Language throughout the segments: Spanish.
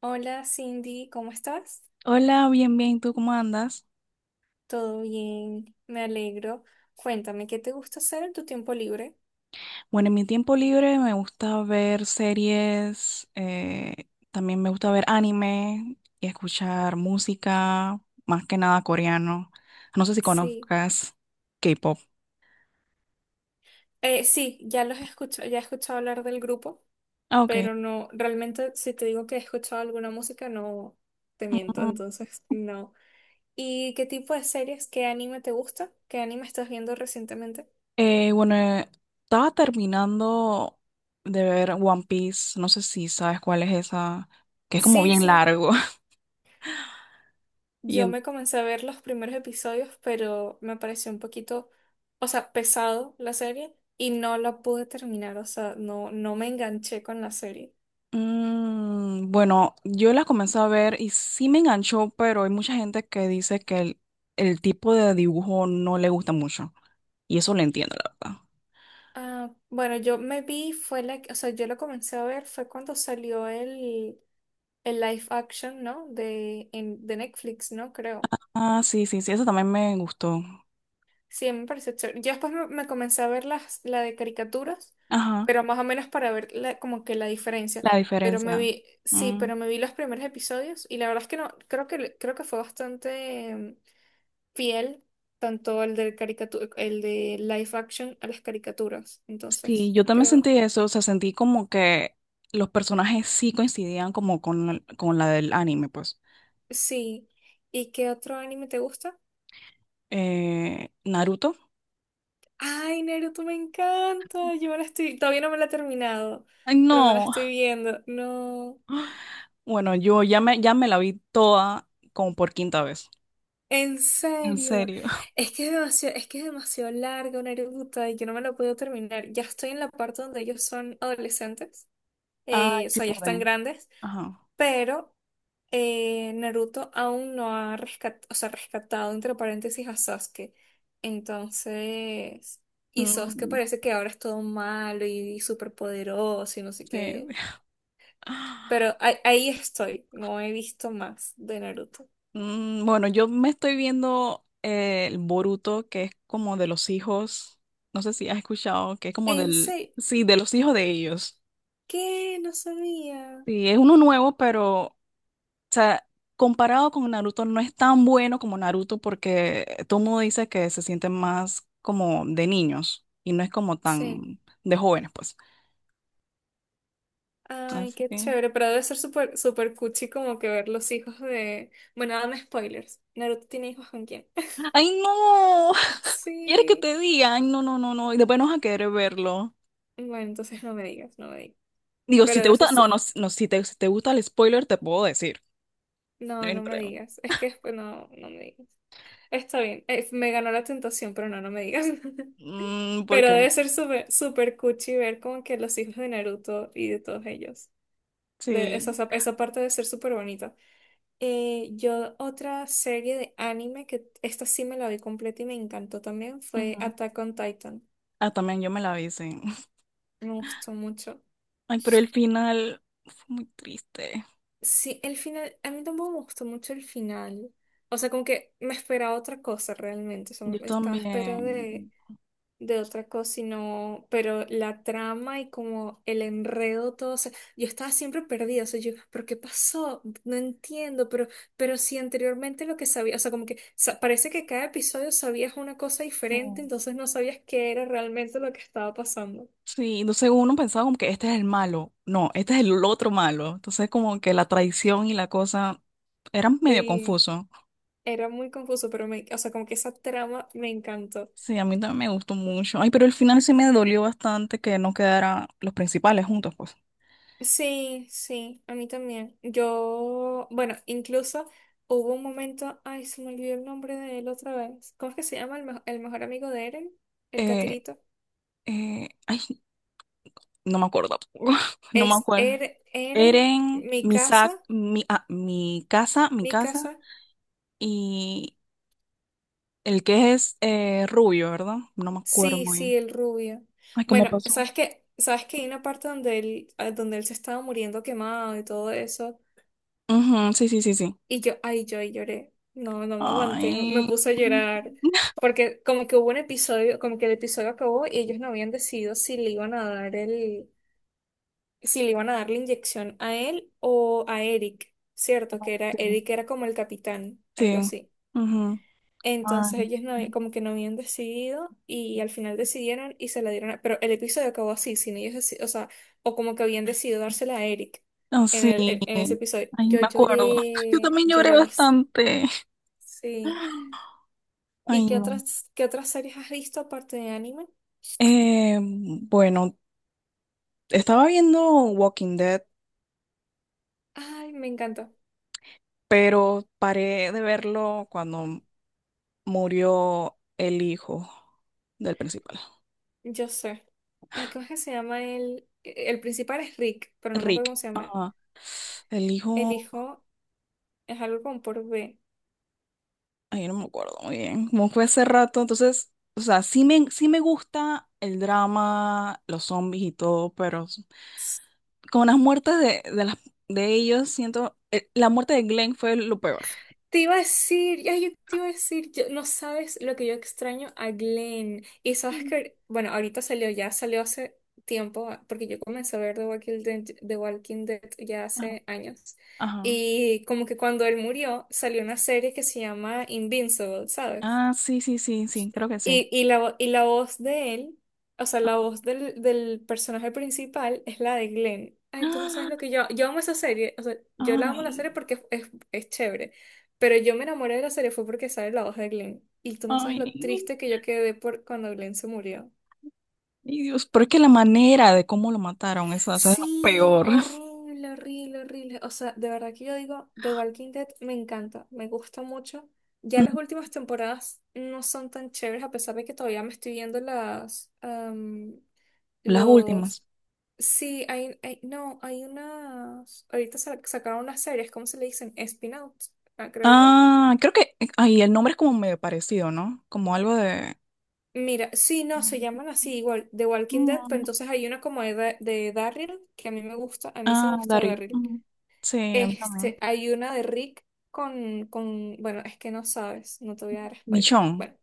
Hola Cindy, ¿cómo estás? Hola, bien, bien, ¿tú cómo andas? Todo bien, me alegro. Cuéntame, ¿qué te gusta hacer en tu tiempo libre? Bueno, en mi tiempo libre me gusta ver series, también me gusta ver anime y escuchar música, más que nada coreano. No sé si Sí, conozcas K-pop. Sí, ya los he escuchado, ya he escuchado hablar del grupo, Ah, ok. pero no, realmente si te digo que he escuchado alguna música, no te miento, Ujú. entonces no. ¿Y qué tipo de series, qué anime te gusta? ¿Qué anime estás viendo recientemente? Eh, bueno, eh, estaba terminando de ver One Piece, no sé si sabes cuál es esa, que es como Sí, bien sí, largo. yo Y me comencé a ver los primeros episodios, pero me pareció un poquito, o sea, pesado la serie y no la pude terminar, o sea, no me enganché con la serie. mm, bueno, yo la comencé a ver y sí me enganchó, pero hay mucha gente que dice que el tipo de dibujo no le gusta mucho. Y eso lo entiendo, la verdad. Ah, bueno, yo me vi, fue la, o sea, yo lo comencé a ver, fue cuando salió el live action, ¿no? De, en, de Netflix, ¿no? Creo. Ah, sí, sí, sí, eso también me gustó. Sí, me pareció chévere. Yo después me comencé a ver las, la de caricaturas, Ajá, pero más o menos para ver como que la diferencia. la Pero me diferencia. vi, sí, Mm, pero me vi los primeros episodios y la verdad es que no, creo que fue bastante fiel, tanto el de caricatura, el de live action a las caricaturas. sí, Entonces, yo también creo, sentí eso, o sea, sentí como que los personajes sí coincidían como con, con la del anime, pues. sí. ¿Y qué otro anime te gusta? Naruto. Ay, Naruto, me encanta. Yo me la estoy, todavía no me la he terminado, Ay, pero me la no. estoy viendo. No. Bueno, ya me la vi toda como por quinta vez. En En serio, serio. es que es demasiado, es que es demasiado larga, Naruto, y yo no me lo puedo terminar. Ya estoy en la parte donde ellos son adolescentes, Ay, o qué sea, ya están pueden. grandes, Ajá. pero Naruto aún no ha o sea, rescatado, entre paréntesis, a Sasuke. Entonces, y Sasuke Mm, parece que ahora es todo malo y, súper poderoso y no sé sí. qué. Pero ahí estoy, no he visto más de Naruto. Mm, bueno, yo me estoy viendo el Boruto, que es como de los hijos. No sé si has escuchado, que es como En del. serio, Sí, de los hijos de ellos. ¿qué? No sabía. Sí, es uno nuevo, pero. O sea, comparado con Naruto, no es tan bueno como Naruto, porque todo el mundo dice que se sienten más como de niños y no es como Sí. tan de jóvenes, pues. Ay, Así qué que. chévere, pero debe ser súper súper cuchi como que ver los hijos de... Bueno, dame spoilers. ¿Naruto tiene hijos con quién? ¡Ay, no! ¿Quieres que Sí. te digan? No, no, no, no. Y después no vas a querer verlo. Bueno, entonces no me digas, no me digas. Digo, si Pero te debe ser... gusta, no, no, no, si te gusta el spoiler, te puedo decir. No No, hay ningún no me problema. digas. Es que después no, no me digas. Está bien, me ganó la tentación, pero no, no me digas. Mm, Pero porque, debe ser súper súper cuchi ver como que los hijos de Naruto y de todos ellos. De esa, sí. esa parte debe ser súper bonita. Yo otra serie de anime que esta sí me la vi completa y me encantó también fue Ujú. Attack on Titan. Ah, también yo me la vi, sí. Me gustó mucho. Ay, pero el final fue muy triste. Sí, el final, a mí tampoco me gustó mucho el final. O sea, como que me esperaba otra cosa realmente. O sea, Yo estaba a espera también. de otra cosa, sino, pero la trama y como el enredo, todo, o sea, yo estaba siempre perdida, o sea, yo, ¿pero qué pasó? No entiendo, pero si anteriormente lo que sabía, o sea, como que parece que cada episodio sabías una cosa Sí, diferente, entonces no sabías qué era realmente lo que estaba pasando. sí, entonces uno pensaba como que este es el malo. No, este es el otro malo. Entonces como que la traición y la cosa eran medio Sí, confuso. era muy confuso, pero me, o sea, como que esa trama me encantó. Sí, a mí también me gustó mucho. Ay, pero el final sí me dolió bastante que no quedaran los principales juntos, pues. Sí, sí, a mí también. Yo, bueno, incluso hubo un momento, ay, se me olvidó el nombre de él otra vez. ¿Cómo es que se llama el, el mejor amigo de Eren? El Eh, catirito. Ay, no me acuerdo tampoco. No me Es acuerdo. Eren, Eren, mi casa, Misak, mi mi casa casa. y el que es rubio, ¿verdad? No me acuerdo Sí, muy sí, bien. el rubio. Ay, ¿cómo Bueno, pasó? ¿Sabes que hay una parte donde él, ah, donde él se estaba muriendo quemado y todo eso? Ujú, sí, sí, sí, sí. Y yo, ay, yo lloré. No, no me aguanté. Me Ay, puse a llorar. Porque como que hubo un episodio, como que el episodio acabó y ellos no habían decidido si le iban a dar el, si le iban a dar la inyección a él o a Eric, ¿cierto? ah, Que era, sí, Eric era como el capitán, algo sí. así. Ujú. Ay. Entonces ellos no, como que no habían decidido y al final decidieron y se la dieron pero el episodio acabó así, sin ellos o sea, o como que habían decidido dársela a Eric Ah, en sí. el, en ese episodio. Ay, me Yo acuerdo. Yo lloré, también lloré lloré bastante. bastante. Sí, ¿y Ay, no. Qué otras series has visto aparte de anime? Eh, bueno, estaba viendo Walking Dead, Ay, me encanta. pero paré de verlo cuando murió el hijo del principal, Yo sé. Ay, ¿cómo es que se llama el... El principal es Rick, pero no me acuerdo cómo Rick. se llama. Ajá. El El hijo, hijo es algo con por B. ay, no me acuerdo muy bien, como fue hace rato, entonces, o sea, sí me gusta el drama, los zombies y todo, pero S- con las muertes de ellos, siento, la muerte de Glenn fue lo peor. Te iba a decir, ay, yo te iba a decir, no sabes lo que yo extraño a Glenn. Y sabes Mm. que, bueno, ahorita salió, ya salió hace tiempo, porque yo comencé a ver The Walking Dead, The Walking Dead ya Ajá. hace años. Ajá. Y como que cuando él murió, salió una serie que se llama Invincible, ¿sabes? Ah, sí, sí, sí, sí, creo que sí. Y la, y la voz de él, o sea, la Ajá. voz del, del personaje principal es la de Glenn. Ay, tú no sabes lo Ah, que yo... Yo amo esa serie, o sea, yo la amo la serie ay, porque es, chévere, pero yo me enamoré de la serie fue porque sale la voz de Glenn. Y tú no sabes ay, lo triste que yo quedé por cuando Glenn se murió. ay, Dios, pero es que la manera de cómo lo mataron, eso es lo Sí, peor. horrible, horrible, horrible. O sea, de verdad que yo digo, The Walking Dead me encanta, me gusta mucho. Ya Mm. las últimas temporadas no son tan chéveres, a pesar de que todavía me estoy viendo las, Las los... últimas. Sí, hay, no, hay unas... Ahorita sacaron unas series, ¿cómo se le dicen? Spin-outs, ah, creo yo. Ah, creo que, ay, el nombre es como medio parecido, ¿no? Como algo de... Mira, sí, no, se llaman así igual, The Walking Dead, pero Mm. entonces hay una como de Daryl, que a mí me gusta, a mí sí me Ah, gusta Daryl. Daryl. Mm. Sí, a mí también. Este, hay una de Rick con, bueno, es que no sabes, no te voy a dar spoiler. Michonne, Bueno,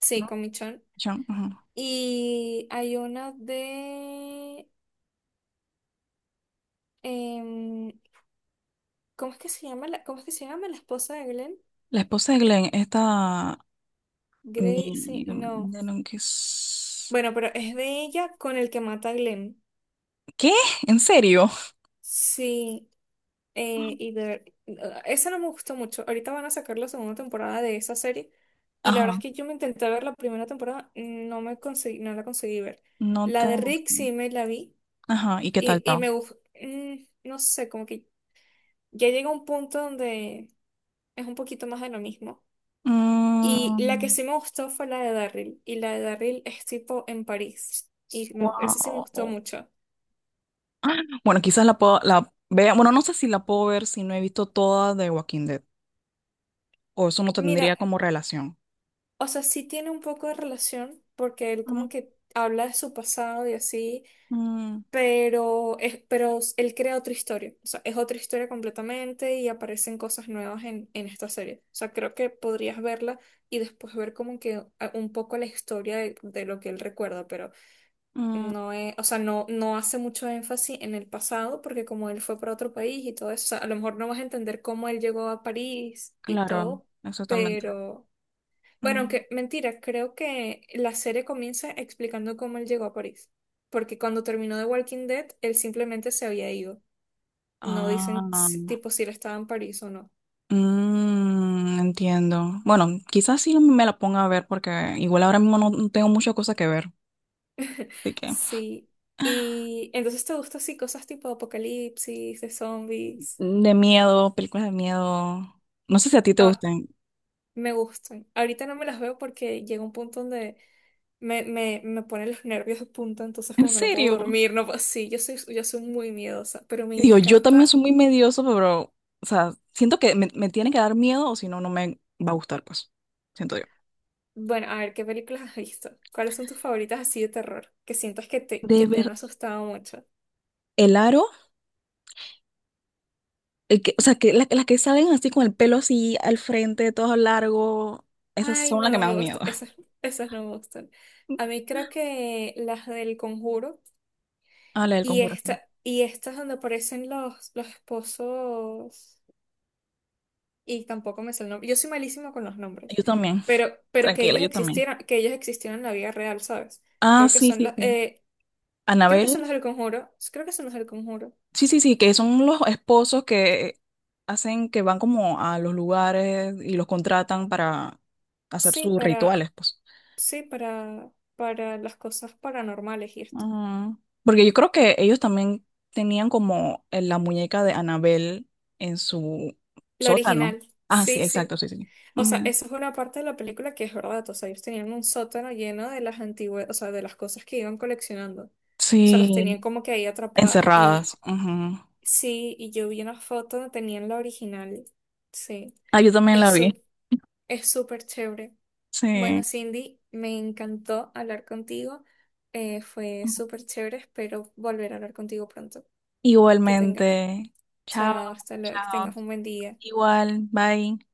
sí, ¿no? con Michonne. Michonne, ajá. Y hay una de, em, ¿cómo es que se llama la, cómo es que se llama la esposa de Glenn? La esposa de Glenn, esta Gracie, mi, no. de lo que es... Bueno, pero es de ella con el que mata a Glenn. ¿Qué? ¿En serio? Sí. Y de, ah, esa no me gustó mucho. Ahorita van a sacar la segunda temporada de esa serie. Y la verdad es Ajá, que yo me intenté ver la primera temporada, no me conseguí, no la conseguí ver. no La te de Rick gustan. sí me la vi. Ajá, ¿y qué tal Y estaba? me gustó. No sé, como que ya llega un punto donde es un poquito más de lo mismo. Y la que Mm, sí me gustó fue la de Daryl. Y la de Daryl es tipo en París. Y me, esa sí me wow. gustó mucho. Bueno, la vea, bueno, no sé si la puedo ver si no he visto toda de Walking Dead, o eso no Mira, tendría como relación. o sea, sí tiene un poco de relación porque él como Mm, que habla de su pasado y así mm, pero, es, pero él crea otra historia, o sea, es otra historia completamente y aparecen cosas nuevas en esta serie. O sea, creo que podrías verla y después ver como que un poco la historia de lo que él recuerda, pero mm, no es, o sea, no, no hace mucho énfasis en el pasado porque como él fue para otro país y todo eso, o sea, a lo mejor no vas a entender cómo él llegó a París y claro, todo, exactamente. pero... Bueno, Mm. aunque mentira, creo que la serie comienza explicando cómo él llegó a París. Porque cuando terminó The Walking Dead, él simplemente se había ido. No Ah, dicen tipo si él estaba en París o no. mm, entiendo. Bueno, quizás sí me la ponga a ver porque igual ahora mismo no tengo muchas cosas que ver. Así que Sí. Y entonces te gustan así cosas tipo apocalipsis, de zombies. de miedo, películas de miedo. No sé si a ti te Ah, gustan. me gustan. Ahorita no me las veo porque llega un punto donde me ponen los nervios de punta, entonces ¿En como que no puedo serio? dormir, no puedo- Sí, yo soy muy miedosa, pero me Digo, yo también encanta. soy muy medioso, pero, o sea, siento que me tiene que dar miedo o si no, no me va a gustar, pues. Siento yo. Bueno, a ver, ¿qué películas has visto? ¿Cuáles son tus favoritas así de terror? Que sientas De que te han ver asustado mucho. el aro, el que, o sea, las que salen así con el pelo así al frente, todo largo, esas Ay, son no, las que no me me dan miedo. gustan. Esas, esas no me gustan. A mí creo que las del Conjuro Ah, la del y Conjuración. esta, y estas donde aparecen los esposos. Y tampoco me sé el nombre. Yo soy malísima con los nombres. Yo también. Pero Tranquila, yo también. Que ellos existieron en la vida real, ¿sabes? Ah, Creo que sí, son sí, los, sí. Creo que son Anabel. los del Conjuro. Creo que son los del Conjuro. Sí, sí, sí, que son los esposos que hacen que van como a los lugares y los contratan para hacer Sí, sus para. rituales, pues. Sí, para las cosas paranormales y esto. Ah, porque yo creo que ellos también tenían como en la muñeca de Anabel en su La sótano. original, Ah, sí, sí, exacto, sí. sí, sí. O sea, Ujú. esa es una parte de la película que es verdad. O sea, ellos tenían un sótano lleno de las antiguas, o sea, de las cosas que iban coleccionando. O sea, las tenían Sí, como que ahí atrapadas. Y encerradas. Ujú. sí, y yo vi una foto donde tenían la original. Sí, Ah, yo también la es vi. Es súper chévere. Bueno, Sí. Cindy, me encantó hablar contigo. Fue súper chévere. Espero volver a hablar contigo pronto. Que tengas Igualmente. Chao, Chao, hasta luego, que chao. tengas un buen día. Igual, bye.